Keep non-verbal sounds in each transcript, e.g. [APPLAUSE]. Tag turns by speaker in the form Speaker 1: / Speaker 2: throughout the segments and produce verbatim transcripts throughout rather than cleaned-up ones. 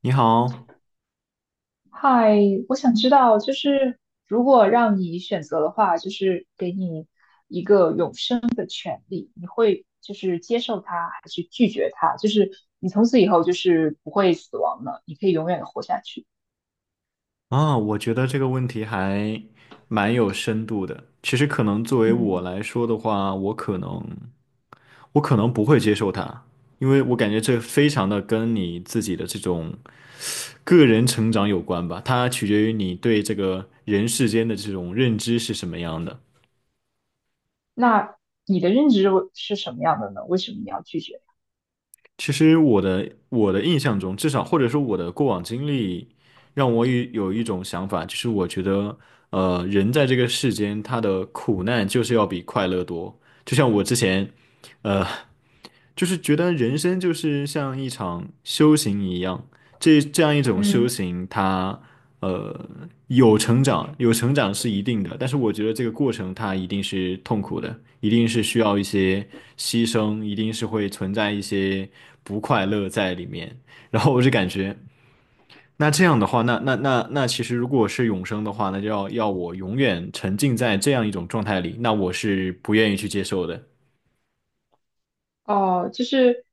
Speaker 1: 你好
Speaker 2: 嗨，我想知道，就是如果让你选择的话，就是给你一个永世权利，你会就是接受它，还是拒绝它？就是你从此以后就是不会死亡了，你可以永远的活下去。
Speaker 1: 啊，我觉得这个问题还蛮有深度的。其实可能作为我
Speaker 2: 嗯，
Speaker 1: 来说的话，我可能我可能不会接受它，因为我感觉这非常的跟你自己的这种个人成长有关吧，它取决于你对这个人世间的这种认知是什么样的。
Speaker 2: 那你的认知是什么样的呢？为什么你要拒绝？
Speaker 1: 其实我的我的印象中，至少或者说我的过往经历，让我有有一种想法，就是我觉得，呃，人在这个世间，他的苦难就是要比快乐多。就像我之前，呃，就是觉得人生就是像一场修行一样，这这样一种修
Speaker 2: 嗯。
Speaker 1: 行它，呃有成长，有成长是一定的，但是我觉得这个过程它一定是痛苦的，一定是需要一些牺牲，一定是会存在一些不快乐在里面。然后我就感觉，那这样的话，那那那那其实如果是永生的话，那就要要我永远沉浸在这样一种状态里，那我是不愿意去接受的。
Speaker 2: 哦，就是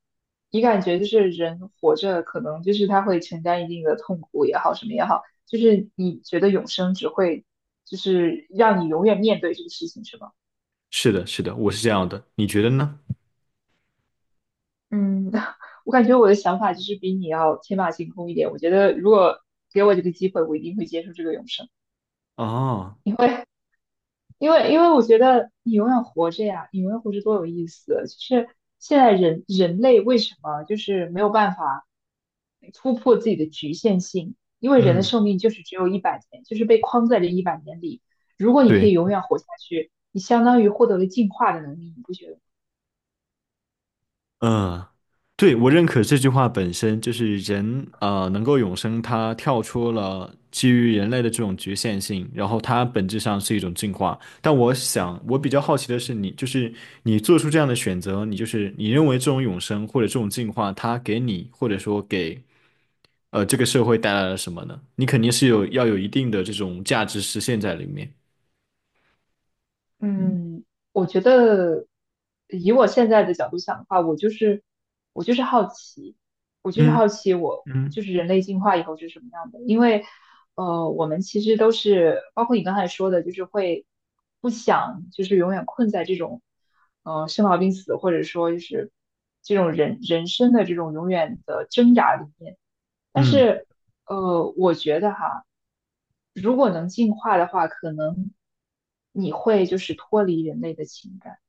Speaker 2: 你感觉就是人活着，可能就是他会承担一定的痛苦也好，什么也好，就是你觉得永生只会就是让你永远面对这个事情，是吗？
Speaker 1: 是的，是的，我是这样的，你觉得呢？
Speaker 2: 嗯，[LAUGHS] 我感觉我的想法就是比你要天马行空一点。我觉得如果给我这个机会，我一定会接受这个永生。
Speaker 1: 哦，
Speaker 2: 因为因为我觉得你永远活着呀，你永远活着多有意思。就是现在人人类为什么就是没有办法突破自己的局限性？因为人的
Speaker 1: 嗯。
Speaker 2: 寿命就是只有一百年，就是被框在这一百年里。如果你可以
Speaker 1: 对，
Speaker 2: 永远活下去，你相当于获得了进化的能力，你不觉得吗？
Speaker 1: 呃，对，我认可这句话本身就是人啊呃能够永生，它跳出了基于人类的这种局限性，然后它本质上是一种进化。但我想，我比较好奇的是你，就是你做出这样的选择，你就是你认为这种永生或者这种进化，它给你或者说给呃这个社会带来了什么呢？你肯定是有要有一定的这种价值实现在里面。
Speaker 2: 嗯，我觉得以我现在的角度想的话，我就是我就是好奇，我就是
Speaker 1: 嗯
Speaker 2: 好奇我，
Speaker 1: 嗯。
Speaker 2: 就是人类进化以后是什么样的。因为呃，我们其实都是，包括你刚才说的，就是会不想就是永远困在这种呃生老病死，或者说就是这种人人生的这种永远的挣扎里面。但
Speaker 1: 嗯。
Speaker 2: 是，呃，我觉得哈，如果能进化的话，可能你会就是脱离人类的情感，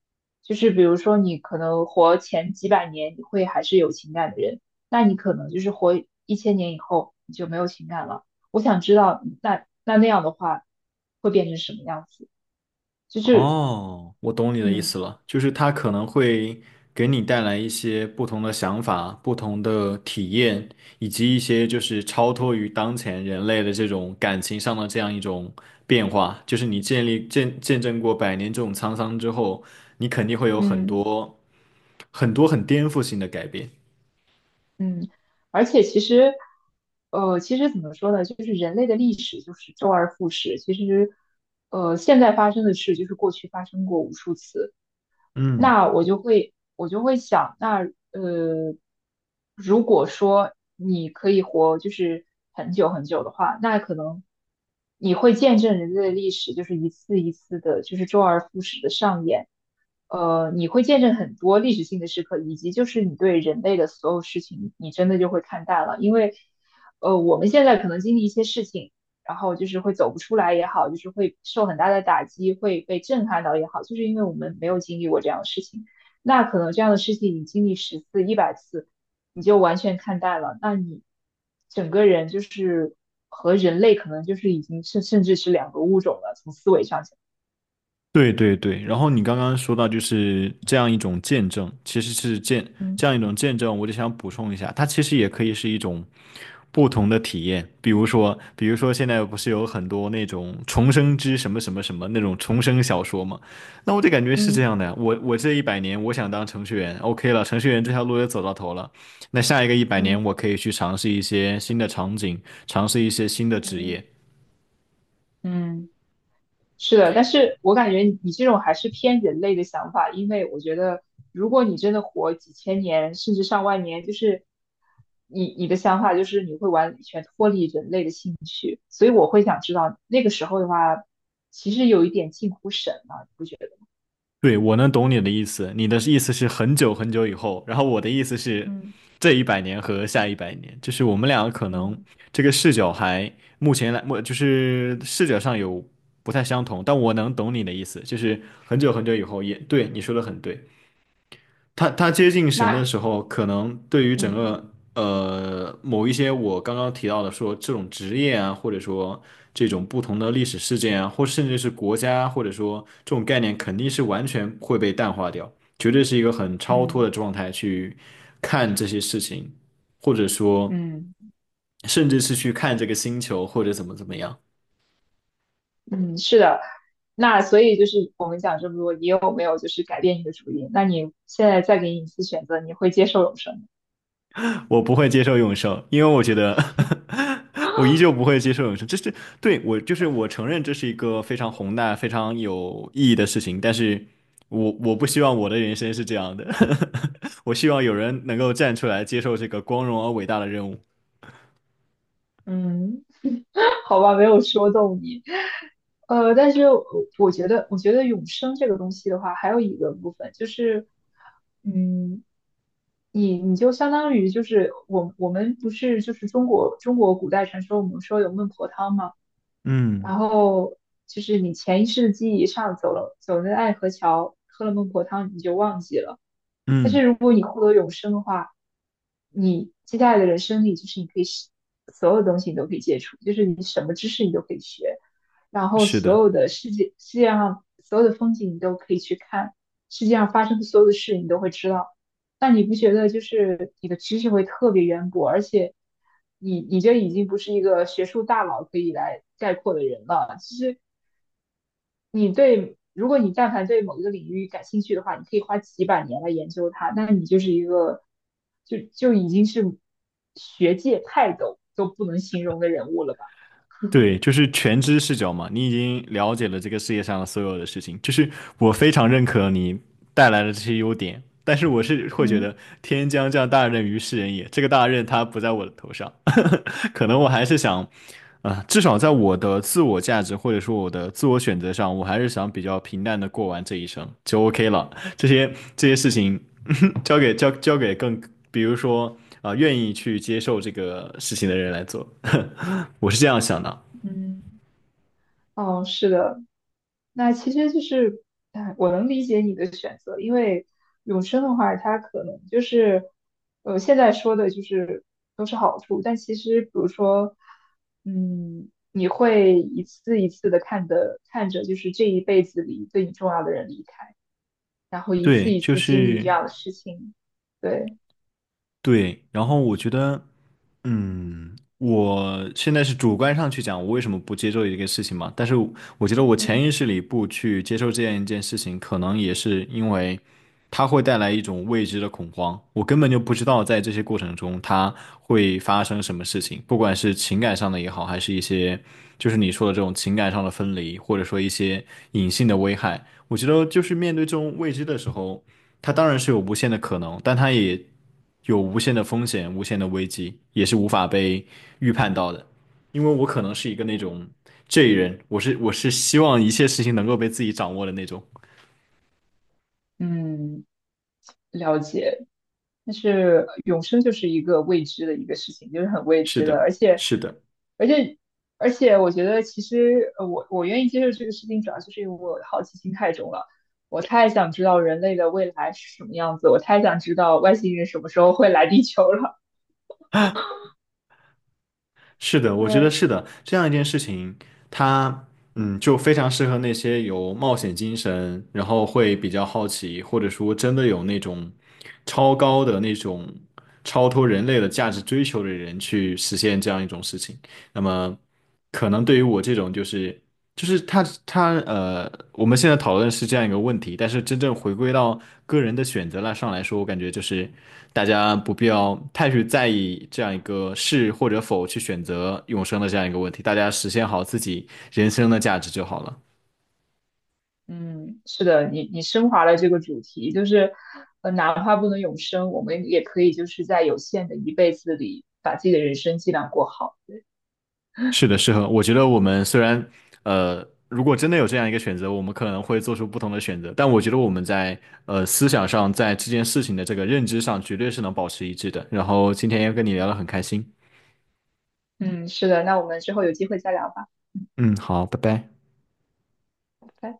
Speaker 2: 就是比如说你可能活前几百年，你会还是有情感的人，那你可能就是活一千年以后，你就没有情感了。我想知道，那那那样的话，会变成什么样子？就是，
Speaker 1: 哦，我懂你的意
Speaker 2: 嗯
Speaker 1: 思了，就是它可能会给你带来一些不同的想法、不同的体验，以及一些就是超脱于当前人类的这种感情上的这样一种变化。就是你建立见见证过百年这种沧桑之后，你肯定会有很
Speaker 2: 嗯。
Speaker 1: 多很多很颠覆性的改变。
Speaker 2: 嗯，而且其实，呃，其实怎么说呢，就是人类的历史就是周而复始。其实，呃，现在发生的事就是过去发生过无数次。
Speaker 1: 嗯。
Speaker 2: 那我就会，我就会想，那呃，如果说你可以活就是很久很久的话，那可能你会见证人类的历史就是一次一次的，就是周而复始的上演。呃，你会见证很多历史性的时刻，以及就是你对人类的所有事情，你真的就会看淡了。因为，呃，我们现在可能经历一些事情，然后就是会走不出来也好，就是会受很大的打击，会被震撼到也好，就是因为我们没有经历过这样的事情。那可能这样的事情你经历十次、一百次，你就完全看淡了。那你整个人就是和人类可能就是已经甚甚至是两个物种了，从思维上讲。
Speaker 1: 对对对，然后你刚刚说到就是这样一种见证，其实是见这
Speaker 2: 嗯
Speaker 1: 样一种见证，我就想补充一下，它其实也可以是一种不同的体验，比如说，比如说现在不是有很多那种重生之什么什么什么那种重生小说嘛，那我就感觉是这
Speaker 2: 嗯
Speaker 1: 样的呀，我我这一百年我想当程序员，OK 了，程序员这条路也走到头了，那下一个一百年
Speaker 2: 嗯。
Speaker 1: 我可以去尝试一些新的场景，尝试一些新的职业。
Speaker 2: 嗯。嗯，是的，但是我感觉你你这种还是偏人类的想法，因为我觉得如果你真的活几千年甚至上万年，就是你你的想法就是你会完全脱离人类的兴趣，所以我会想知道那个时候的话，其实有一点近乎神了，你不觉得吗？
Speaker 1: 对，我能懂你的意思，你的意思是很久很久以后，然后我的意思是
Speaker 2: 嗯
Speaker 1: 这一百年和下一百年，就是我们两个可能
Speaker 2: 嗯。
Speaker 1: 这个视角还目前来，我就是视角上有不太相同，但我能懂你的意思，就是很久很久以后也对，你说的很对。他他接近神的
Speaker 2: 那。
Speaker 1: 时候，可能对于整
Speaker 2: 嗯
Speaker 1: 个呃某一些我刚刚提到的说这种职业啊，或者说这种不同的历史事件啊，或甚至是国家，或者说这种概念，肯定是完全会被淡化掉，绝对是一个很超脱
Speaker 2: 嗯
Speaker 1: 的状态去看这些事情，或者说
Speaker 2: 嗯
Speaker 1: 甚至是去看这个星球或者怎么怎么样。
Speaker 2: 嗯，是的，那所以就是我们讲这么多，你有没有就是改变你的主意？那你现在再给你一次选择，你会接受永生吗？
Speaker 1: 我不会接受永生，因为我觉得 [LAUGHS] 我依旧不会接受永生。这是对我，就是我承认这是一个非常宏大、非常有意义的事情，但是我我不希望我的人生是这样的。[LAUGHS] 我希望有人能够站出来接受这个光荣而伟大的任务。
Speaker 2: 嗯，好吧，没有说动你。呃，但是我我觉得，我觉得永生这个东西的话，还有一个部分就是，嗯，你你就相当于就是我我们不是就是中国中国古代传说，我们说有孟婆汤嘛，
Speaker 1: 嗯
Speaker 2: 然后就是你前一世记忆上走了走了爱河桥，喝了孟婆汤，你就忘记了。但是
Speaker 1: 嗯，
Speaker 2: 如果你获得永生的话，你接下来的人生里，就是你可以是所有东西你都可以接触，就是你什么知识你都可以学，然后
Speaker 1: 是
Speaker 2: 所
Speaker 1: 的。
Speaker 2: 有的世界世界上所有的风景你都可以去看，世界上发生的所有的事你都会知道。但你不觉得就是你的知识会特别渊博，而且你你这已经不是一个学术大佬可以来概括的人了，其实。你对，如果你但凡对某一个领域感兴趣的话，你可以花几百年来研究它，那你就是一个就就已经是学界泰斗都不能形容的人物了吧？
Speaker 1: 对，就是全知视角嘛，你已经了解了这个世界上的所有的事情，就是我非常认可你带来的这些优点，但是我是会觉
Speaker 2: 嗯
Speaker 1: 得天将降大任于斯人也，这个大任它不在我的头上，[LAUGHS] 可能我还是想，啊、至少在我的自我价值或者说我的自我选择上，我还是想比较平淡的过完这一生就 OK 了，这些这些事情 [LAUGHS] 交给交交给更，比如说啊、愿意去接受这个事情的人来做，[LAUGHS] 我是这样想的啊。
Speaker 2: 嗯，哦，是的，那其实就是，哎，我能理解你的选择，因为永生的话，它可能就是，呃，现在说的就是都是好处，但其实比如说，嗯，你会一次一次的看的看着，就是这一辈子里对你重要的人离开，然后一次
Speaker 1: 对，
Speaker 2: 一
Speaker 1: 就
Speaker 2: 次经历这
Speaker 1: 是
Speaker 2: 样的事情，对，
Speaker 1: 对。然后我觉得，嗯，我现在是主观上去讲，我为什么不接受一个事情嘛？但是我我觉得我潜意
Speaker 2: 嗯。
Speaker 1: 识里不去接受这样一件事情，可能也是因为它会带来一种未知的恐慌。我根本就不知道在这些过程中它会发生什么事情，不管是情感上的也好，还是一些就是你说的这种情感上的分离，或者说一些隐性的危害。我觉得就是面对这种未知的时候。它当然是有无限的可能，但它也有无限的风险、无限的危机，也是无法被预判到的。因为我可能是一个那种 J 人，我是我是希望一切事情能够被自己掌握的那种。
Speaker 2: 嗯。了解，但是呃永生就是一个未知的一个事情，就是很未
Speaker 1: 是
Speaker 2: 知的，
Speaker 1: 的，
Speaker 2: 而且，
Speaker 1: 是的，
Speaker 2: 而且，而且，我觉得其实呃我我愿意接受这个事情，主要就是因为我好奇心太重了，我太想知道人类的未来是什么样子，我太想知道外星人什么时候会来地球了。[LAUGHS]
Speaker 1: 是的，我觉得
Speaker 2: 对，
Speaker 1: 是的。这样一件事情，它嗯就非常适合那些有冒险精神，然后会比较好奇，或者说真的有那种超高的那种超脱人类的价值追求的人去实现这样一种事情。那么，可能对于我这种就是就是他他呃，我们现在讨论是这样一个问题，但是真正回归到个人的选择了上来说，我感觉就是大家不必要太去在意这样一个是或者否去选择永生的这样一个问题，大家实现好自己人生的价值就好了。
Speaker 2: 嗯，是的，你你升华了这个主题，就是呃，哪怕不能永生，我们也可以就是在有限的一辈子里，把自己的人生尽量过好。
Speaker 1: 是的，是的，我觉得我们虽然，呃，如果真的有这样一个选择，我们可能会做出不同的选择，但我觉得我们在呃思想上，在这件事情的这个认知上，绝对是能保持一致的。然后今天也跟你聊得很开心，
Speaker 2: 嗯，是的，那我们之后有机会再聊吧，
Speaker 1: 嗯，好，拜拜。
Speaker 2: 拜拜。